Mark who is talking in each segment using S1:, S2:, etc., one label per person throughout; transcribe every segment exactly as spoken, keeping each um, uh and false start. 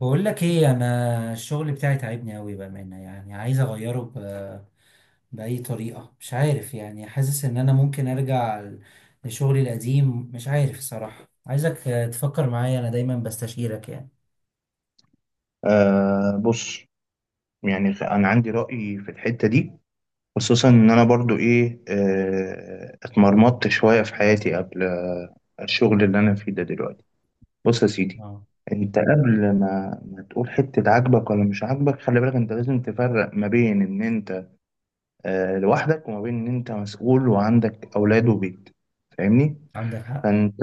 S1: بقول لك ايه؟ انا الشغل بتاعي تعبني قوي بامانه، يعني عايز اغيره ب... باي طريقه. مش عارف، يعني حاسس ان انا ممكن ارجع ل- لشغلي القديم. مش عارف الصراحه. عايزك آه، تفكر معايا، انا دايما بستشيرك يعني.
S2: آه، بص. يعني خ- انا عندي رأي في الحتة دي، خصوصا ان انا برضو ايه آه اتمرمطت شوية في حياتي قبل آه، الشغل اللي انا فيه ده دلوقتي. بص يا سيدي،
S1: اه.
S2: انت قبل ما ما تقول حتة عاجبك ولا مش عاجبك، خلي بالك انت لازم تفرق ما بين ان انت آه لوحدك وما بين ان انت مسؤول وعندك اولاد وبيت. فاهمني؟
S1: عندك حق.
S2: فانت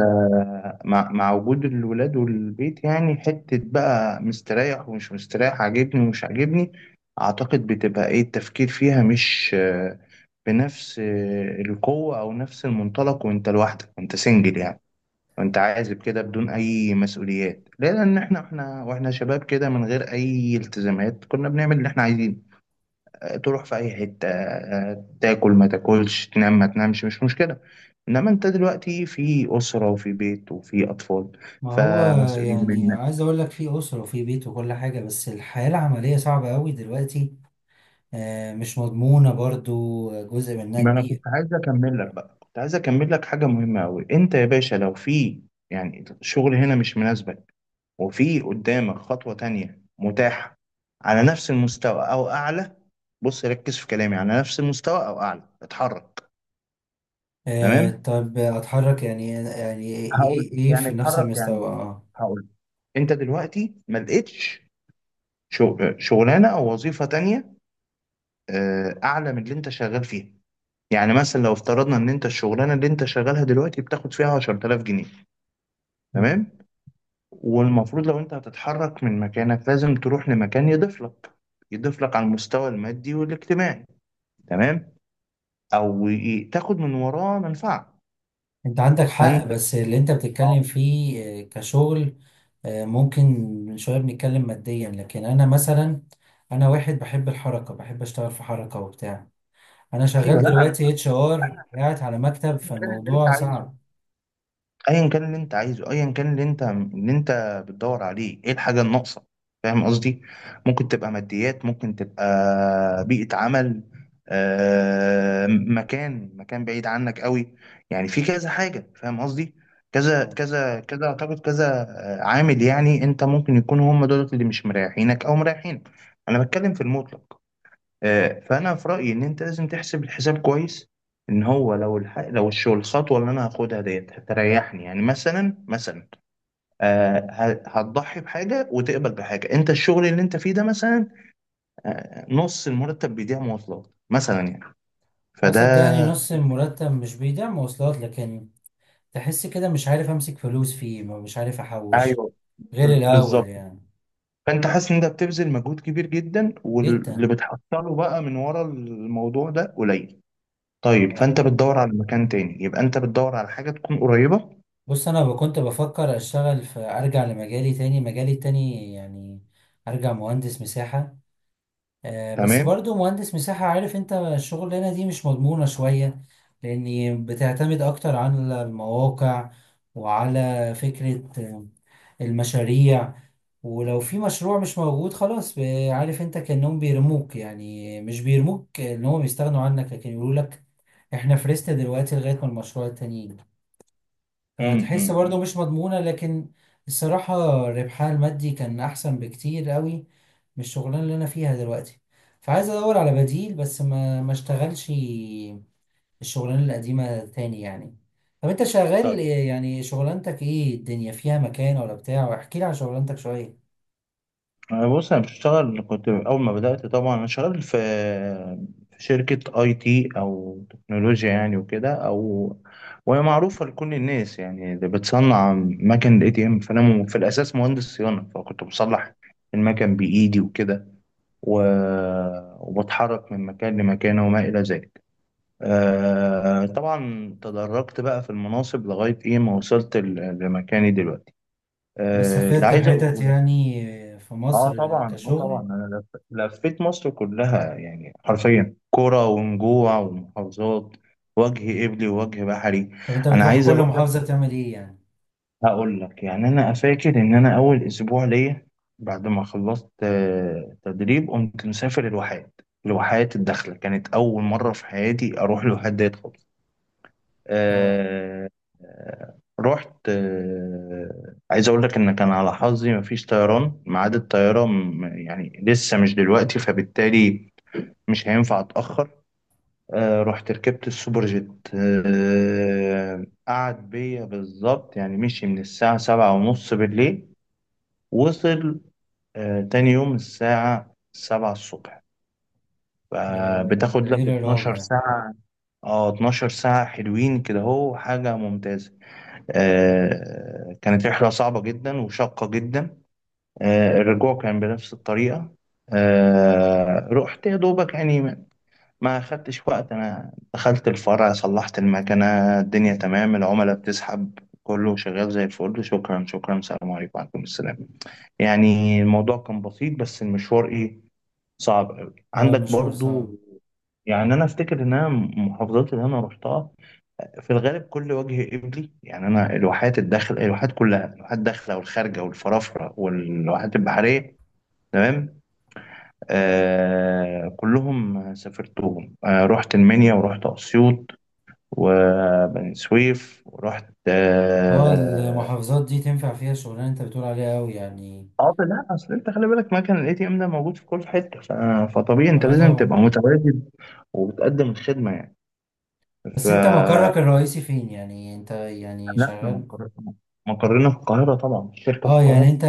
S2: مع, مع وجود الولاد والبيت، يعني حتة بقى مستريح ومش مستريح، عاجبني ومش عاجبني، اعتقد بتبقى ايه التفكير فيها مش آه، بنفس آه، القوة او نفس المنطلق وانت لوحدك وانت سنجل يعني. وانت عازب كده بدون اي مسؤوليات، لان احنا احنا واحنا شباب كده من غير اي التزامات كنا بنعمل اللي احنا عايزينه. تروح في اي حته، آه، تاكل ما تاكلش، تنام ما تنامش، مش مشكله. انما انت دلوقتي في اسره وفي بيت وفي اطفال
S1: ما هو
S2: فمسؤولين
S1: يعني
S2: منك.
S1: عايز اقول لك في اسره وفي بيت وكل حاجه، بس الحياه العمليه صعبه قوي دلوقتي، آه، مش مضمونه برضو جزء منها
S2: ما انا كنت
S1: كبير.
S2: عايز اكمل لك بقى، كنت عايز اكمل لك حاجه مهمه قوي. انت يا باشا لو في يعني شغل هنا مش مناسبك وفي قدامك خطوه تانية متاحه على نفس المستوى او اعلى. بص، ركز في كلامي، على نفس المستوى او اعلى اتحرك.
S1: آه،
S2: تمام.
S1: طب اتحرك يعني يعني ايه؟
S2: هقول
S1: ايه إيه؟
S2: يعني
S1: في نفس
S2: اتحرك
S1: المستوى؟
S2: يعني،
S1: اه.
S2: هقول انت دلوقتي ما لقيتش شو- شغلانه او وظيفه تانية آه، اعلى من اللي انت شغال فيها. يعني مثلا لو افترضنا ان انت الشغلانه اللي انت شغالها دلوقتي بتاخد فيها عشرة آلاف جنيه، تمام، والمفروض لو انت هتتحرك من مكانك لازم تروح لمكان يضيف لك، يضيف لك على المستوى المادي والاجتماعي. تمام. او ي- تاخد من وراه منفعه.
S1: انت عندك حق،
S2: فانت،
S1: بس اللي انت بتتكلم فيه آه، كشغل آه، ممكن شوية. بنتكلم ماديا، لكن انا مثلا انا واحد بحب الحركة، بحب اشتغل في حركة وبتاع. انا
S2: ايوه.
S1: شغال
S2: لا انا،
S1: دلوقتي اتش ار، قاعد على مكتب
S2: المكان اللي انت
S1: فالموضوع
S2: عايزه،
S1: صعب.
S2: ايا كان اللي انت عايزه ايا كان اللي انت اللي انت بتدور عليه، ايه الحاجه الناقصه؟ فاهم قصدي؟ ممكن تبقى ماديات، ممكن تبقى بيئه عمل، آه مكان مكان بعيد عنك قوي يعني، في كذا حاجه. فاهم قصدي؟ كذا
S1: اه.
S2: كذا كذا، اعتقد كذا. آه، عامل يعني انت ممكن يكونوا هم دول اللي مش مريحينك او مريحينك. انا بتكلم في المطلق. آه، فانا في رايي ان انت لازم تحسب الحساب كويس ان هو لو الح... لو الشغل، الخطوه اللي انا هاخدها ديت هتريحني. يعني مثلا مثلا آه ه- هتضحي بحاجه وتقبل بحاجه. انت الشغل اللي انت فيه ده مثلا، آه نص المرتب بيضيع مواصلات مثلا يعني،
S1: آه، صدقني
S2: فده.
S1: نص المرتب مش بيدعم مواصلات، لكن تحس كده مش عارف امسك فلوس فيه، مش عارف احوش
S2: ايوه،
S1: غير
S2: ب-
S1: الاول
S2: بالظبط.
S1: يعني.
S2: فانت حاسس ان انت بتبذل مجهود كبير جدا واللي
S1: جدا.
S2: بتحصله بقى من ورا الموضوع ده قليل. طيب فانت بتدور على مكان تاني، يبقى انت بتدور على حاجه تكون قريبه.
S1: بص، انا ب- كنت بفكر اشتغل في، ارجع لمجالي تاني، مجالي التاني يعني. ارجع مهندس مساحة، آه بس
S2: تمام.
S1: برضو مهندس مساحة، عارف انت الشغلانة دي مش مضمونة شوية، لاني بتعتمد اكتر على المواقع وعلى فكرة آه، المشاريع. ولو في مشروع مش موجود خلاص، ب- عارف انت كأنهم بيرموك. يعني مش بيرموك، ان هم بيستغنوا عنك، لكن يقولوا لك احنا فرست دلوقتي لغاية ما المشروع التاني يجي.
S2: امم
S1: فتحس
S2: أمم.
S1: برضو
S2: امم.
S1: مش مضمونة، لكن الصراحة ربحها المادي كان أحسن بكتير قوي من الشغلانة اللي أنا فيها دلوقتي. فعايز أدور على بديل، بس ما ما اشتغلش الشغلانة القديمة تاني يعني. طب أنت شغال إيه-
S2: طيب.
S1: يعني شغلانتك إيه؟ الدنيا فيها مكان ولا بتاع؟ واحكي لي عن شغلانتك شوية.
S2: أنا بص، انا بشتغل، كنت اول ما بدات طبعا انا شغال في في شركه اي تي او تكنولوجيا يعني وكده، او وهي معروفه لكل الناس يعني اللي بتصنع مكن الاي تي ام. فانا م- في الاساس مهندس صيانه، فكنت بصلح المكن بايدي وكده و... وبتحرك من مكان لمكان وما الى ذلك. آه طبعا تدرجت بقى في المناصب لغايه ايه ما وصلت ل- لمكاني دلوقتي.
S1: بس
S2: آه، اللي
S1: سافرت
S2: عايز
S1: حتت
S2: اقوله،
S1: يعني في
S2: اه
S1: مصر
S2: طبعا، اه طبعا
S1: كشغل؟
S2: انا لف... لفيت مصر كلها يعني، حرفيا كرة ونجوع ومحافظات، وجه قبلي ووجه بحري.
S1: طب أنت
S2: انا
S1: بتروح
S2: عايز
S1: كل
S2: اقول لك
S1: محافظة بتعمل إيه يعني؟
S2: هقول لك يعني، انا فاكر ان انا اول اسبوع ليا بعد ما خلصت آه، تدريب قمت مسافر الواحات. الواحات الداخلة كانت اول مرة في حياتي اروح الواحات ديت خالص.
S1: آه.
S2: آه، آه، رحت، آه، عايز اقول لك ان كان على حظي مفيش طيران، ميعاد الطياره م- يعني لسه مش دلوقتي، فبالتالي مش هينفع اتاخر. آه، رحت ركبت السوبر جيت، آه، قعد بيا بالظبط يعني، مشي من الساعه سبعة ونص بالليل، وصل آه، تاني يوم الساعه سبعة الصبح.
S1: ده ده
S2: فبتاخد
S1: إيه
S2: لك
S1: العراق
S2: اتناشر
S1: ده؟
S2: ساعة. اه، اتناشر ساعة حلوين كده، هو حاجة ممتازة. آه، كانت رحلة صعبة جدا وشاقة جدا. آه، الرجوع كان بنفس الطريقة. آه، رحت يا دوبك، يعني ما ما خدتش وقت. أنا دخلت الفرع صلحت المكنة، الدنيا تمام، العملاء بتسحب، كله شغال زي الفل، شكرا شكرا، السلام عليكم، وعليكم السلام. يعني الموضوع كان بسيط، بس المشوار إيه، صعب أوي
S1: آه
S2: عندك
S1: المشوار
S2: برضو.
S1: صعب.
S2: يعني أنا أفتكر إن أنا المحافظات اللي أنا رحتها في الغالب كل وجه قبلي يعني، انا الواحات الداخل الواحات كلها، الواحات الداخله والخارجه والفرافره والواحات البحريه. تمام. آه كلهم سافرتهم، آه رحت المنيا ورحت اسيوط وبني سويف ورحت
S1: اه
S2: اه.
S1: المحافظات دي تنفع فيها الشغلانة انت بتقول عليها قوي يعني؟
S2: آه، لا اصل انت خلي بالك مكان الاي تي ام ده موجود في كل حته، ف- فطبيعي انت
S1: اه
S2: لازم
S1: طبعا.
S2: تبقى متواجد وبتقدم الخدمه يعني. ف
S1: بس انت مقرك الرئيسي فين؟ يعني انت يعني
S2: لا احنا
S1: شغال.
S2: مقر- مقرنا في القاهره طبعا، الشركه في
S1: اه يعني
S2: القاهره.
S1: انت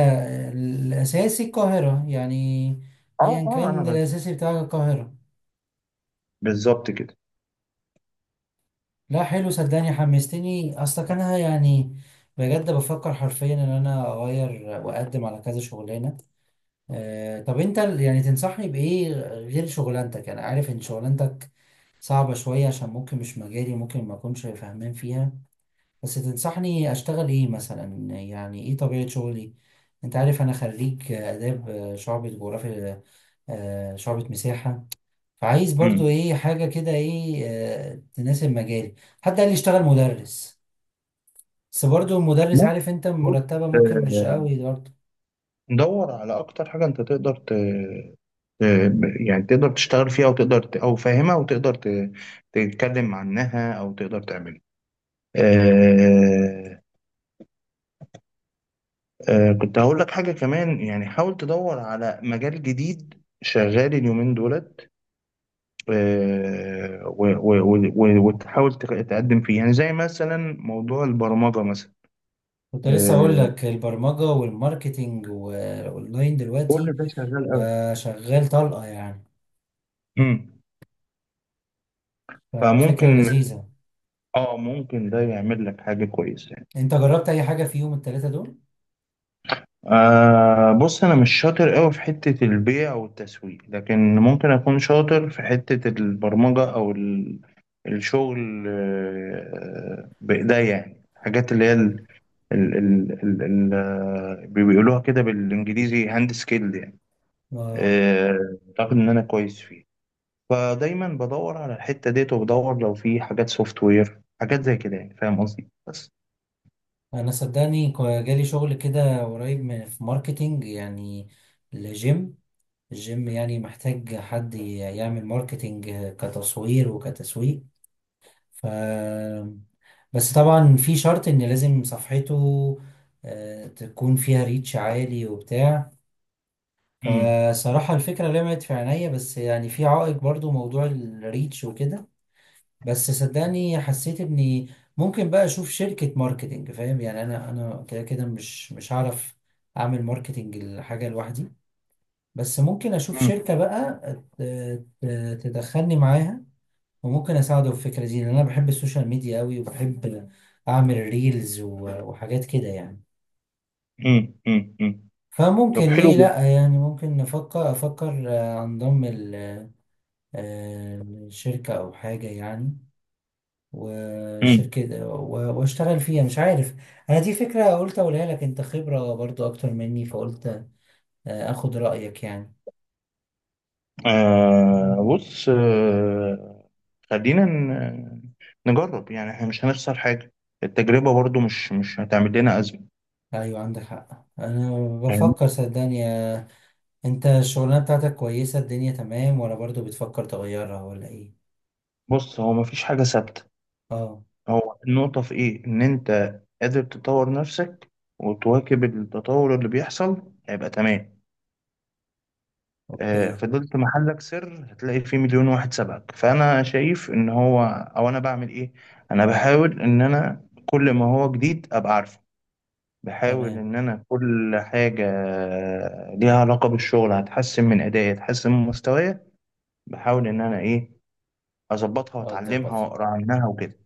S1: الاساسي القاهرة يعني؟
S2: اه،
S1: ايا
S2: اه،
S1: كان
S2: انا
S1: الاساسي بتاعك القاهرة.
S2: بالظبط كده.
S1: لا حلو، صدقني حمستني اصلا. كان أنا يعني بجد بفكر حرفيا ان انا اغير واقدم على كذا شغلانة. آه طب انت يعني تنصحني بايه غير شغلانتك؟ انا عارف ان شغلانتك صعبة شوية، عشان ممكن مش مجالي، ممكن ما اكونش فاهمان فيها، بس تنصحني اشتغل ايه مثلا؟ يعني ايه طبيعة شغلي؟ انت عارف انا خريج اداب شعبة جغرافيا آه، شعبة مساحة. فعايز برضو
S2: امم
S1: ايه حاجة كده ايه آه، تناسب مجالي. حد قال لي اشتغل مدرس، بس برضو المدرس
S2: ممكن.
S1: عارف انت
S2: بص،
S1: مرتبة ممكن مش
S2: آه،
S1: قوي برضو.
S2: دور على اكتر حاجه انت تقدر ت... ت- يعني تقدر تشتغل فيها، وتقدر ت... او فاهمها، وتقدر ت... تتكلم عنها او تقدر تعملها. آه... آه... كنت هقول لك حاجه كمان يعني، حاول تدور على مجال جديد شغال اليومين دولت، آه... و... و... و... و- وتحاول تق- تقدم فيه يعني، زي مثلا موضوع البرمجه مثلا.
S1: كنت لسه اقول
S2: آه...
S1: لك البرمجة والماركتينج والاونلاين دلوقتي
S2: كل ده شغال قوي.
S1: بقى شغال طلقة يعني.
S2: مم.
S1: ففكرة
S2: فممكن
S1: لذيذة.
S2: اه ممكن ده يعمل لك حاجة كويسة يعني.
S1: انت جربت اي حاجة في يوم التلاتة دول؟
S2: آه بص، انا مش شاطر قوي في حتة البيع او التسويق، لكن ممكن اكون شاطر في حتة البرمجة او ال- الشغل آه بايديا يعني، حاجات اللي هي ال ال ال ال ال آه، بيقولوها كده بالانجليزي هاند سكيل يعني.
S1: اه.
S2: آه، اعتقد ان انا كويس فيه. فدايما بدور على الحتة ديت، وبدور لو في حاجات سوفت وير حاجات زي كده يعني، فاهم قصدي؟ بس
S1: انا صدقني كو- جالي شغل كده قريب من في ماركتينج يعني لجيم. الجيم يعني محتاج حد ي- يعمل ماركتينج كتصوير وكتسويق. ف، بس طبعا في شرط ان لازم صفحته آه، تكون فيها ريتش عالي وبتاع. فصراحة الفكرة لمعت في عينيا، بس يعني في عائق برضو موضوع الريتش وكده. بس صدقني حسيت اني ممكن بقى اشوف شركة ماركتينج. فاهم يعني انا انا كده كده مش مش هعرف اعمل ماركتينج الحاجة لوحدي. بس ممكن اشوف
S2: مم.
S1: شركة بقى ت- ت- تدخلني معاها، وممكن اساعده في الفكرة دي. لان انا بحب السوشيال ميديا قوي، وبحب اعمل ريلز و- وحاجات كده يعني.
S2: مم. مم. مم.
S1: فممكن
S2: طب حلو
S1: ليه
S2: جدا.
S1: لا؟ يعني ممكن نفكر افكر آه، انضم ال- آه، لشركة او حاجة يعني.
S2: مم.
S1: وشركة و- واشتغل فيها مش عارف. انا دي فكرة قلت اقولها لك، انت خبرة برضو اكتر مني، فقلت آه، اخد رأيك يعني.
S2: آه بص، آه خلينا ن- نجرب يعني، احنا مش هنخسر حاجة، التجربة برضو مش مش هتعمل لنا أزمة
S1: ايوه عندك حق. انا
S2: يعني.
S1: بفكر صدقني آه، انت الشغلانة بتاعتك كويسة الدنيا تمام، ولا برضو بتفكر تغيرها ولا ايه؟
S2: بص هو مفيش حاجة ثابتة،
S1: اه
S2: هو النقطة في إيه؟ إن أنت قادر تطور نفسك وتواكب التطور اللي بيحصل هيبقى تمام. آه
S1: اوكي
S2: فضلت محلك سر هتلاقي فيه مليون واحد سبقك. فأنا شايف إن هو، أو أنا بعمل إيه، أنا بحاول إن أنا كل ما هو جديد أبقى عارفه. بحاول
S1: تمام.
S2: إن أنا كل حاجة ليها علاقة بالشغل هتحسن من أدائي هتحسن من مستواي. بحاول إن أنا إيه، أظبطها
S1: اه
S2: وأتعلمها
S1: اتظبط.
S2: وأقرأ عنها وكده.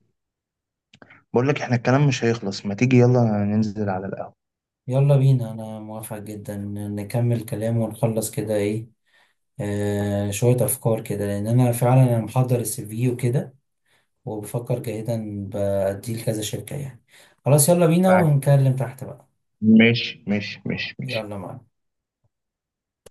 S2: بقول لك إحنا الكلام مش هيخلص، ما تيجي يلا ننزل على القهوة.
S1: يلا بينا، انا موافق جدا. نكمل كلام ونخلص كده ايه آه شوية افكار كده. لان انا فعلا انا محضر السي في وكده، وبفكر جاهدا بأديه لكذا شركة يعني. خلاص يلا بينا
S2: تعال.
S1: ونكلم تحت بقى.
S2: ماشي ماشي ماشي ماشي.
S1: يلا معاك.